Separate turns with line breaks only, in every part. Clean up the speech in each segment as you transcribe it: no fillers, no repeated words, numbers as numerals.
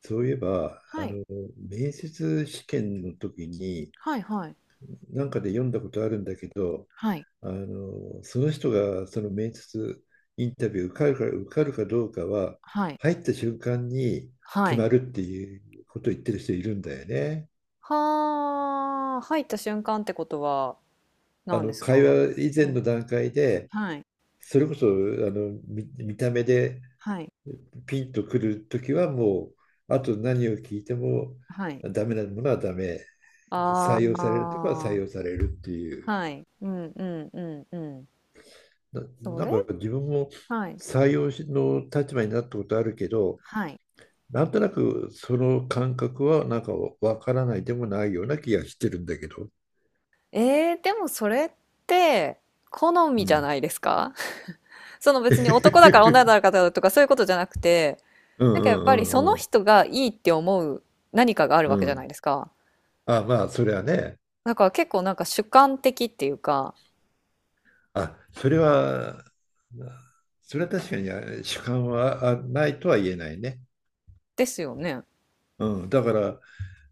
そういえば、
はい。
面接試験の時に、
はいはい。
なんかで読んだことあるんだけど、
はい。
その人がその面接インタビュー受かるかどうかは、
はい。
入った瞬間に
は
決ま
い。
るっていうことを言ってる人いるんだよね。
はあ、入った瞬間ってことは何です
会
か？
話以前
うん。
の段階で、
はい。
それこそ、見た目で
はい。
ピンとくる時はもう、あと何を聞いても
はい。
ダメなものはダメ。
あ
採
あ、
用されるっていう
はい。うんうんうんうん。
な、
そ
な
れ
んか自分も
はい。
採用の立場になったことあるけど、
はい。
なんとなくその感覚はなんかわからないでもないような気がしてるんだけど。
ええ、でもそれって、好
う
みじゃ
ん。
ないですか？その別に男だから女 だからとかそういうことじゃなくて、
うんう
なんかやっぱり
ん
そ
うんう
の
ん。
人がいいって思う何かがあるわけ
う
じゃない
ん。
ですか。
あ、まあ、それはね。
だから結構なんか主観的っていうか、
あ、それは確かに主観はないとは言えないね。
ですよね。
うん。だから、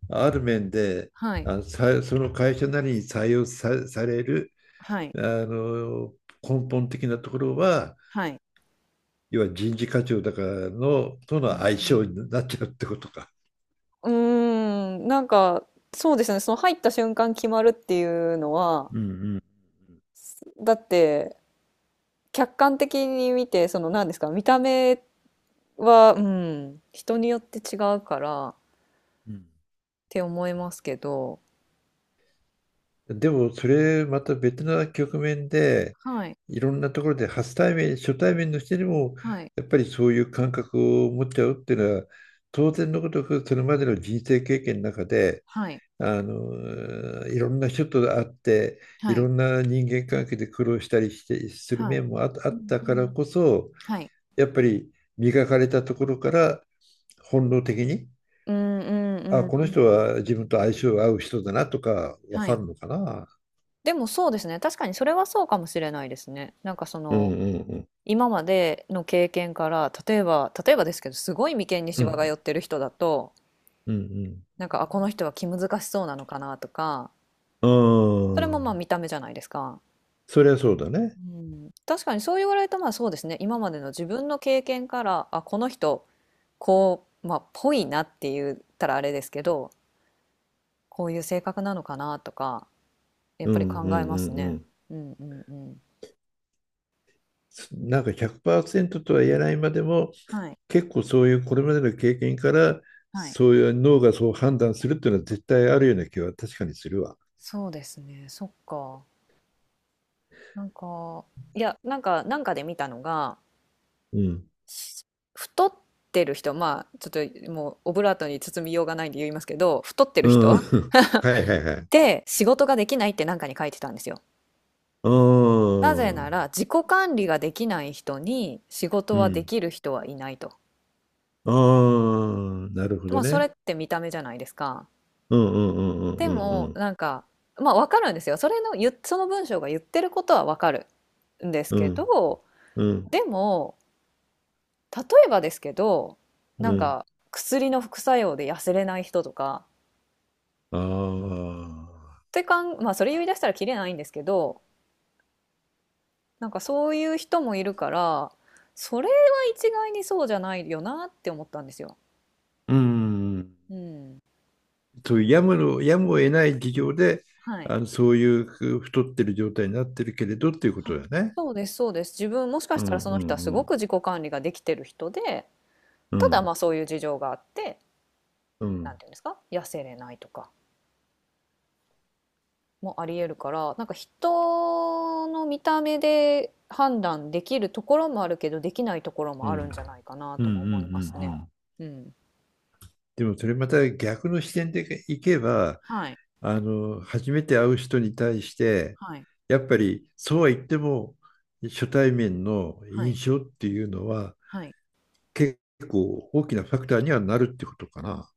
ある面で、
はい。
その会社なりに採用さ、される
はい。
あの根本的なところは、
はい。
要は人事課長だからのと
う
の相性
ん、
になっちゃうってことか。
うん。うーん、なんか、そうですね。その入った瞬間決まるっていうのは、
うんうん
だって、客観的に見て、その何ですか、見た目は、うん、人によって違うからっ
うん。
て思いますけど、
でもそれまた別な局面で、
はい、
いろんなところで初対面の人にも
はい、
やっぱりそういう感覚を持っちゃうっていうのは、当然のことくそれまでの人生経験の中で、
はい、
いろんな人と会って、い
は
ろ
い、
んな人間関係で苦労したりしてする
はい。
面もあ
う
っ
ん、
た
う
から
ん。
こそ、
はい。
やっぱり磨かれたところから本能的に、
うん、うん、う
あ、
ん、う
この人
ん。
は自分と相性合う人だなとかわ
は
か
い。
るのかな。
でもそうですね。確かにそれはそうかもしれないですね。なんかそ
うん
の、
うん
今までの経験から、例えばですけど、すごい眉間に
う
シ
ん。う
ワが寄
ん、
ってる人だと、
うん、
なんか、あ、この人は気難しそうなのかなとか、
う
それ
ん。
も
う
まあ
ん、
見た目じゃないですか。
そりゃそうだね。
うん、確かにそう言われるとまあそうですね、今までの自分の経験から、あ、この人、こうまあぽいなって言ったらあれですけど、こういう性格なのかなとか、やっ
う
ぱり
ん
考
う
え
ん
ま
う
す
んう
ね。
ん。
うんうんうん。
なんか100%とは言えないまでも、
はい
結構そういうこれまでの経験から、
はい。
そういう脳がそう判断するっていうのは絶対あるような気は確かにするわ。
そうですね。そっか。なんか、いや、なんかで見たのが、
うん。
し太ってる人、まあ、ちょっともうオブラートに包みようがないんで言いますけど、太ってる人
うん。
っ
はいはいはい。
て仕事ができないってなんかに書いてたんですよ。
う
なぜ
ん。
な
う
ら、自己管理ができない人に仕事はで
ん。
きる人はいないと。
ああ、なるほ
ま
ど
あ、それ
ね。
って見た目じゃないですか。
うんうんう
で
んう
も、
ん
なんか、まあ、わかるんですよ。その文章が言ってることはわかるんです
うん
けど、
うんうん
でも、例えばですけど、
う
なん
んうん。
か薬の副作用で痩せれない人とか、
ああ。
ってかん、まあそれ言い出したらキリないんですけど、なんかそういう人もいるから、それは一概にそうじゃないよなって思ったんですよ。
うん。
うん。
そういうやむを得ない事情で、
はい。
そういう太ってる状態になってるけれどっていうこ
あ
とだね。
そうです、そうです。自分もしか
う
した
ん
らそ
う
の人はす
んう
ご
ん
く自己管理ができてる人で、
う
ただま
ん
あそういう事情があって、
う
なん
ん
ていうんですか、痩せれないとか。もありえるからなんか人の見た目で判断できるところもあるけどできないところ
う
も
ん
あ
う
る
んうん
んじゃないかな
うんう
とも思います
ん
ね。
うん。
うん、
でもそれまた逆の視点でいけば、
はい
初めて会う人に対して、
はい
やっぱりそうは言っても、初対面の
はい
印象っていうのは
はい、
結構大きなファクターにはなるってことかな。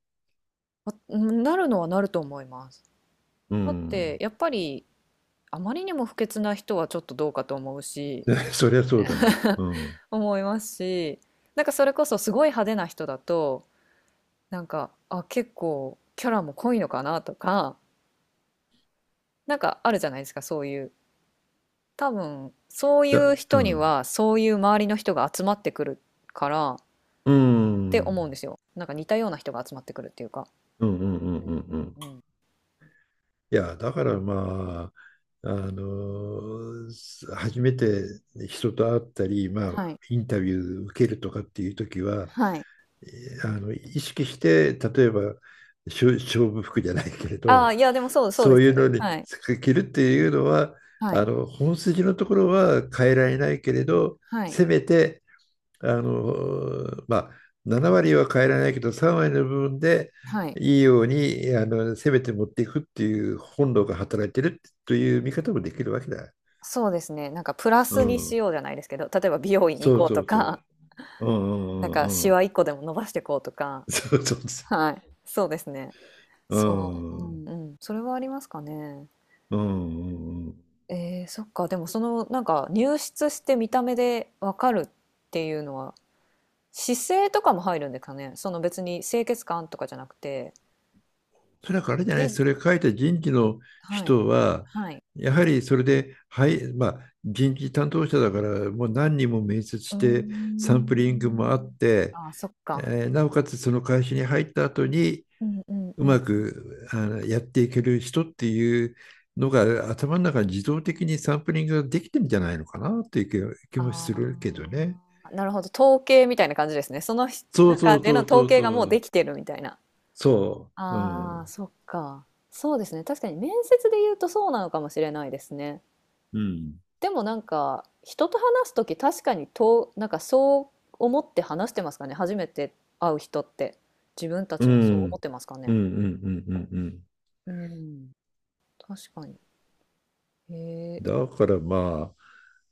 わうんなるのはなると思います。
う
だって
ん。
やっぱりあまりにも不潔な人はちょっとどうかと思うし、
そりゃそうだわ。うん。
思いますし、なんかそれこそすごい派手な人だと、なんか、あ、結構キャラも濃いのかなとか、なんかあるじゃないですかそういう、多分そういう
う
人に
ん。
はそういう周りの人が集まってくるからっ
うん。
て
う
思うん
ん
ですよ。なんか似たような人が集まってくるっていうか。
うんうんう
う
ん
ん
う
うん
ん。
うん。
いや、だからあ、あの初めて人と会ったり、まあ、
はい。
インタビュー受けるとかっていう時は、
はい。
意識して、例えば勝負服じゃないけれ
ああ、
ど、
いや、でもそう、そうで
そう
す
いうの
ね。
に
はい。
着るっていうのは、
はい。
本筋のところは変えられないけれど、
はい。
せめてあの、まあ、7割は変えられないけど、3割の部分で
はい。
いいように、せめて持っていくっていう本能が働いてるという見方もできるわけだ。
そうですね。なんかプラ
う
スにし
ん、
ようじゃないですけど、例えば美容院行
そ
こ
う
う
そ
と
うそう。
か、
うんう
なん
んう
か
んう
シ
ん。
ワ一個でも伸ばしていこうとか。
そうそうそ
はい。そうですね。
う。う
そう。う
んうん
んうん。それはありますかね。
うんうん。
そっか。でもそのなんか入室して見た目でわかるっていうのは姿勢とかも入るんですかね。その別に清潔感とかじゃなくて。
それはあれじゃない、そ
し、
れ書いた人事の
はい。
人は、
はい。
やはりそれで、はい、まあ、人事担当者だから、もう何人も面接
うー
して、サンプリングもあ
ん。
って、
ああ、そっか。
なおかつその会社に入った後に、
うんうんう
う
ん。
まくやっていける人っていうのが、頭の中に自動的にサンプリングができてるんじゃないのかなっていう気もするけど
あ
ね。
あ、なるほど。統計みたいな感じですね。その
そうそ
中
う
での
そう
統
そう
計がもう
そ
で
う。
きてるみたいな。
そう。う
ああ、
ん。
そっか。そうですね。確かに面接で言うとそうなのかもしれないですね。
うん。
でもなんか人と話す時確かにと、なんかそう思って話してますかね、初めて会う人って。自分た
う
ちもそう思っ
ん。
てますか
うんう
ね。
んうんうんうん。
うん、確かに。へえ。
だからま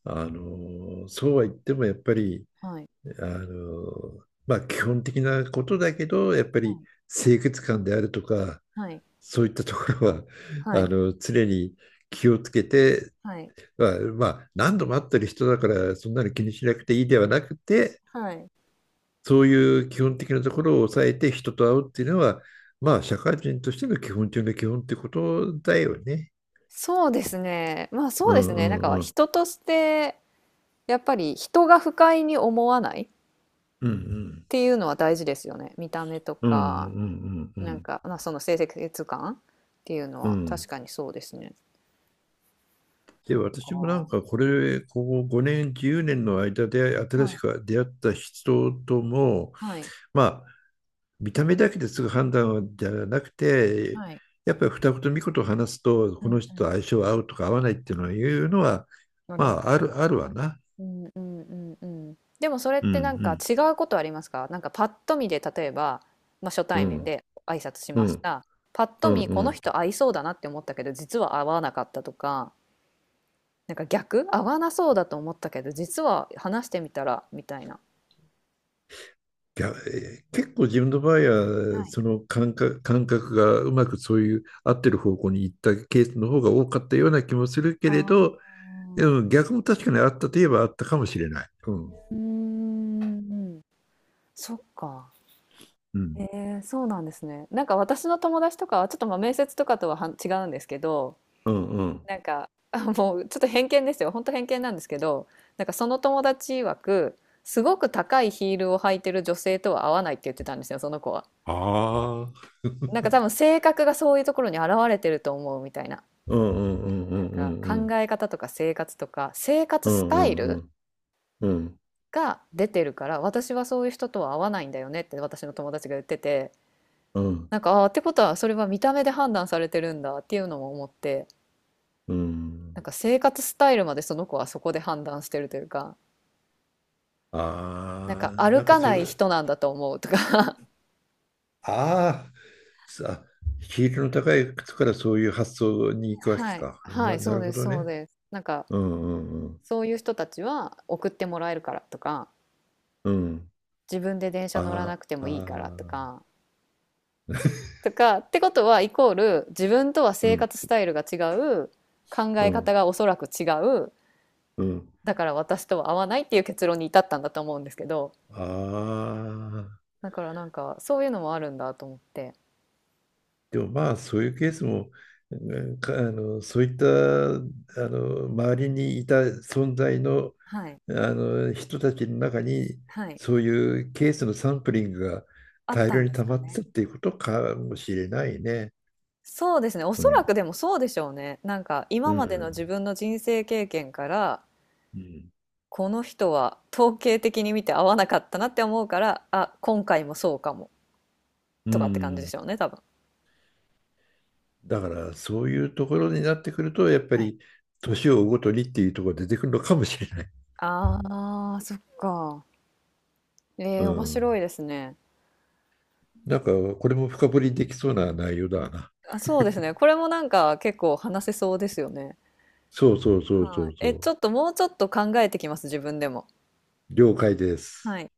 あ、あの、そうは言ってもやっぱり、
はい
まあ基本的なことだけど、やっぱり清潔感であるとか、
はい
そういったところは、
はい
常に気をつけて、
はい
まあ、まあ何度も会ってる人だから、そんなの気にしなくていいではなくて、
はい、
そういう基本的なところを抑えて人と会うっていうのは、まあ社会人としての基本中の基本ってことだよね。
そうですねまあそ
う
うです
んう
ね、なんか
んうん。
人としてやっぱり人が不快に思わないっ
うんうん。
ていうのは大事ですよね、見た目と
うんうんう
か
んうんう
なん
ん。
か、まあ、その清潔感っていうの
う
は確
ん。
かにそうですね。
で、
そっか。
私もなん
は
かこれ、ここ5年、10年の間で新し
い
く出会った人とも、
はい。
まあ、見た目だけですぐ判断じゃなくて、
はい。
やっぱり二言三言と話すと、
う
この
んう
人と
ん。
相性合うとか合わないっていうのは
な
ま
りま
あ、
す。
あるわな。
うんうんうんうん。でもそれっ
う
てなんか
ん
違うことありますか、なんかパッと見で、例えば、まあ、初
う
対面
ん。
で挨拶し
う
まし
ん
た。パッ
う
と
ん
見
うん
こ
う
の
ん。
人合いそうだなって思ったけど実は合わなかったとか、なんか逆合わなそうだと思ったけど実は話してみたらみたいな。
いや、結構自分の場合は、
はい。
その感覚がうまくそういう合ってる方向に行ったケースの方が多かったような気もするけ
あ
れど、で
あ。
も逆も確かにあったといえばあったかもしれない。うん。
うーん、そっか。
うん。
えそうなんですね。なんか私の友達とかはちょっとまあ面接とかとは違うんですけど、
うんうん。
なんか、あ、もうちょっと偏見ですよ。本当偏見なんですけど、なんかその友達曰く、すごく高いヒールを履いてる女性とは合わないって言ってたんですよ、その子は。
ああ、
なんか 多分性格がそういうところに表れてると思うみたいな。
うんうんうんう
なん
ん
か
うん
考え方とか生活とか、生活
う
ス
んう
タイル
んうんうん
が出てるから、私はそういう人とは合わないんだよねって私の友達が言ってて、
うん
なんか、あー、ってことはそれは見た目で判断されてるんだっていうのも思って、
うん、
なんか生活スタイルまでその子はそこで判断してるというか、なん
あ
か
あー
歩
なんか
か
そ
な
れ、
い人なんだと思うとか。
ああさヒールの高い靴からそういう発想に行くわけ
はい、
か
は
な、
い、
な
そう
るほ
です、
ど
そう
ね。
です。なんか
うんうん
そういう人たちは送ってもらえるからとか、
うんうん、
自分で電車
あ
乗らな
ー
くて
あ
もいいからと
ー、
か、とかってことはイコール自分とは
う
生
ん
活スタイルが違う、考
う
え方
ん
がおそらく違う、
うん、
だから私とは合わないっていう結論に至ったんだと思うんですけど、
ああ、
だからなんかそういうのもあるんだと思って、
でも
う
ま
ん、
あそういうケースも、うんかそういった周りにいた存在の、
はい、
あの人たちの中に
はい、
そういうケースのサンプリングが
あっ
大
た
量
ん
に
です
溜ま
か
って
ね。
たっていうことかもしれないね。
そうですね。お
う
そ
ん。
らくでもそうでしょうね。なんか
う
今までの
ん。
自分の人生経験から、
うん。
この人は統計的に見て合わなかったなって思うから、今回もそうかも
う
とかって感じで
ん。
しょうね、多分。
だからそういうところになってくるとやっぱ
はい。
り、年を追うごとにっていうところが出てくるのかもしれない。
ああ、そっか。
う
面白
ん。
いですね。
なんかこれも深掘りできそうな内容だな。
そうですね。これもなんか結構話せそうですよね。
そうそうそうそ
はい。
うそう。
ちょっともうちょっと考えてきます、自分でも。
了解です。
はい。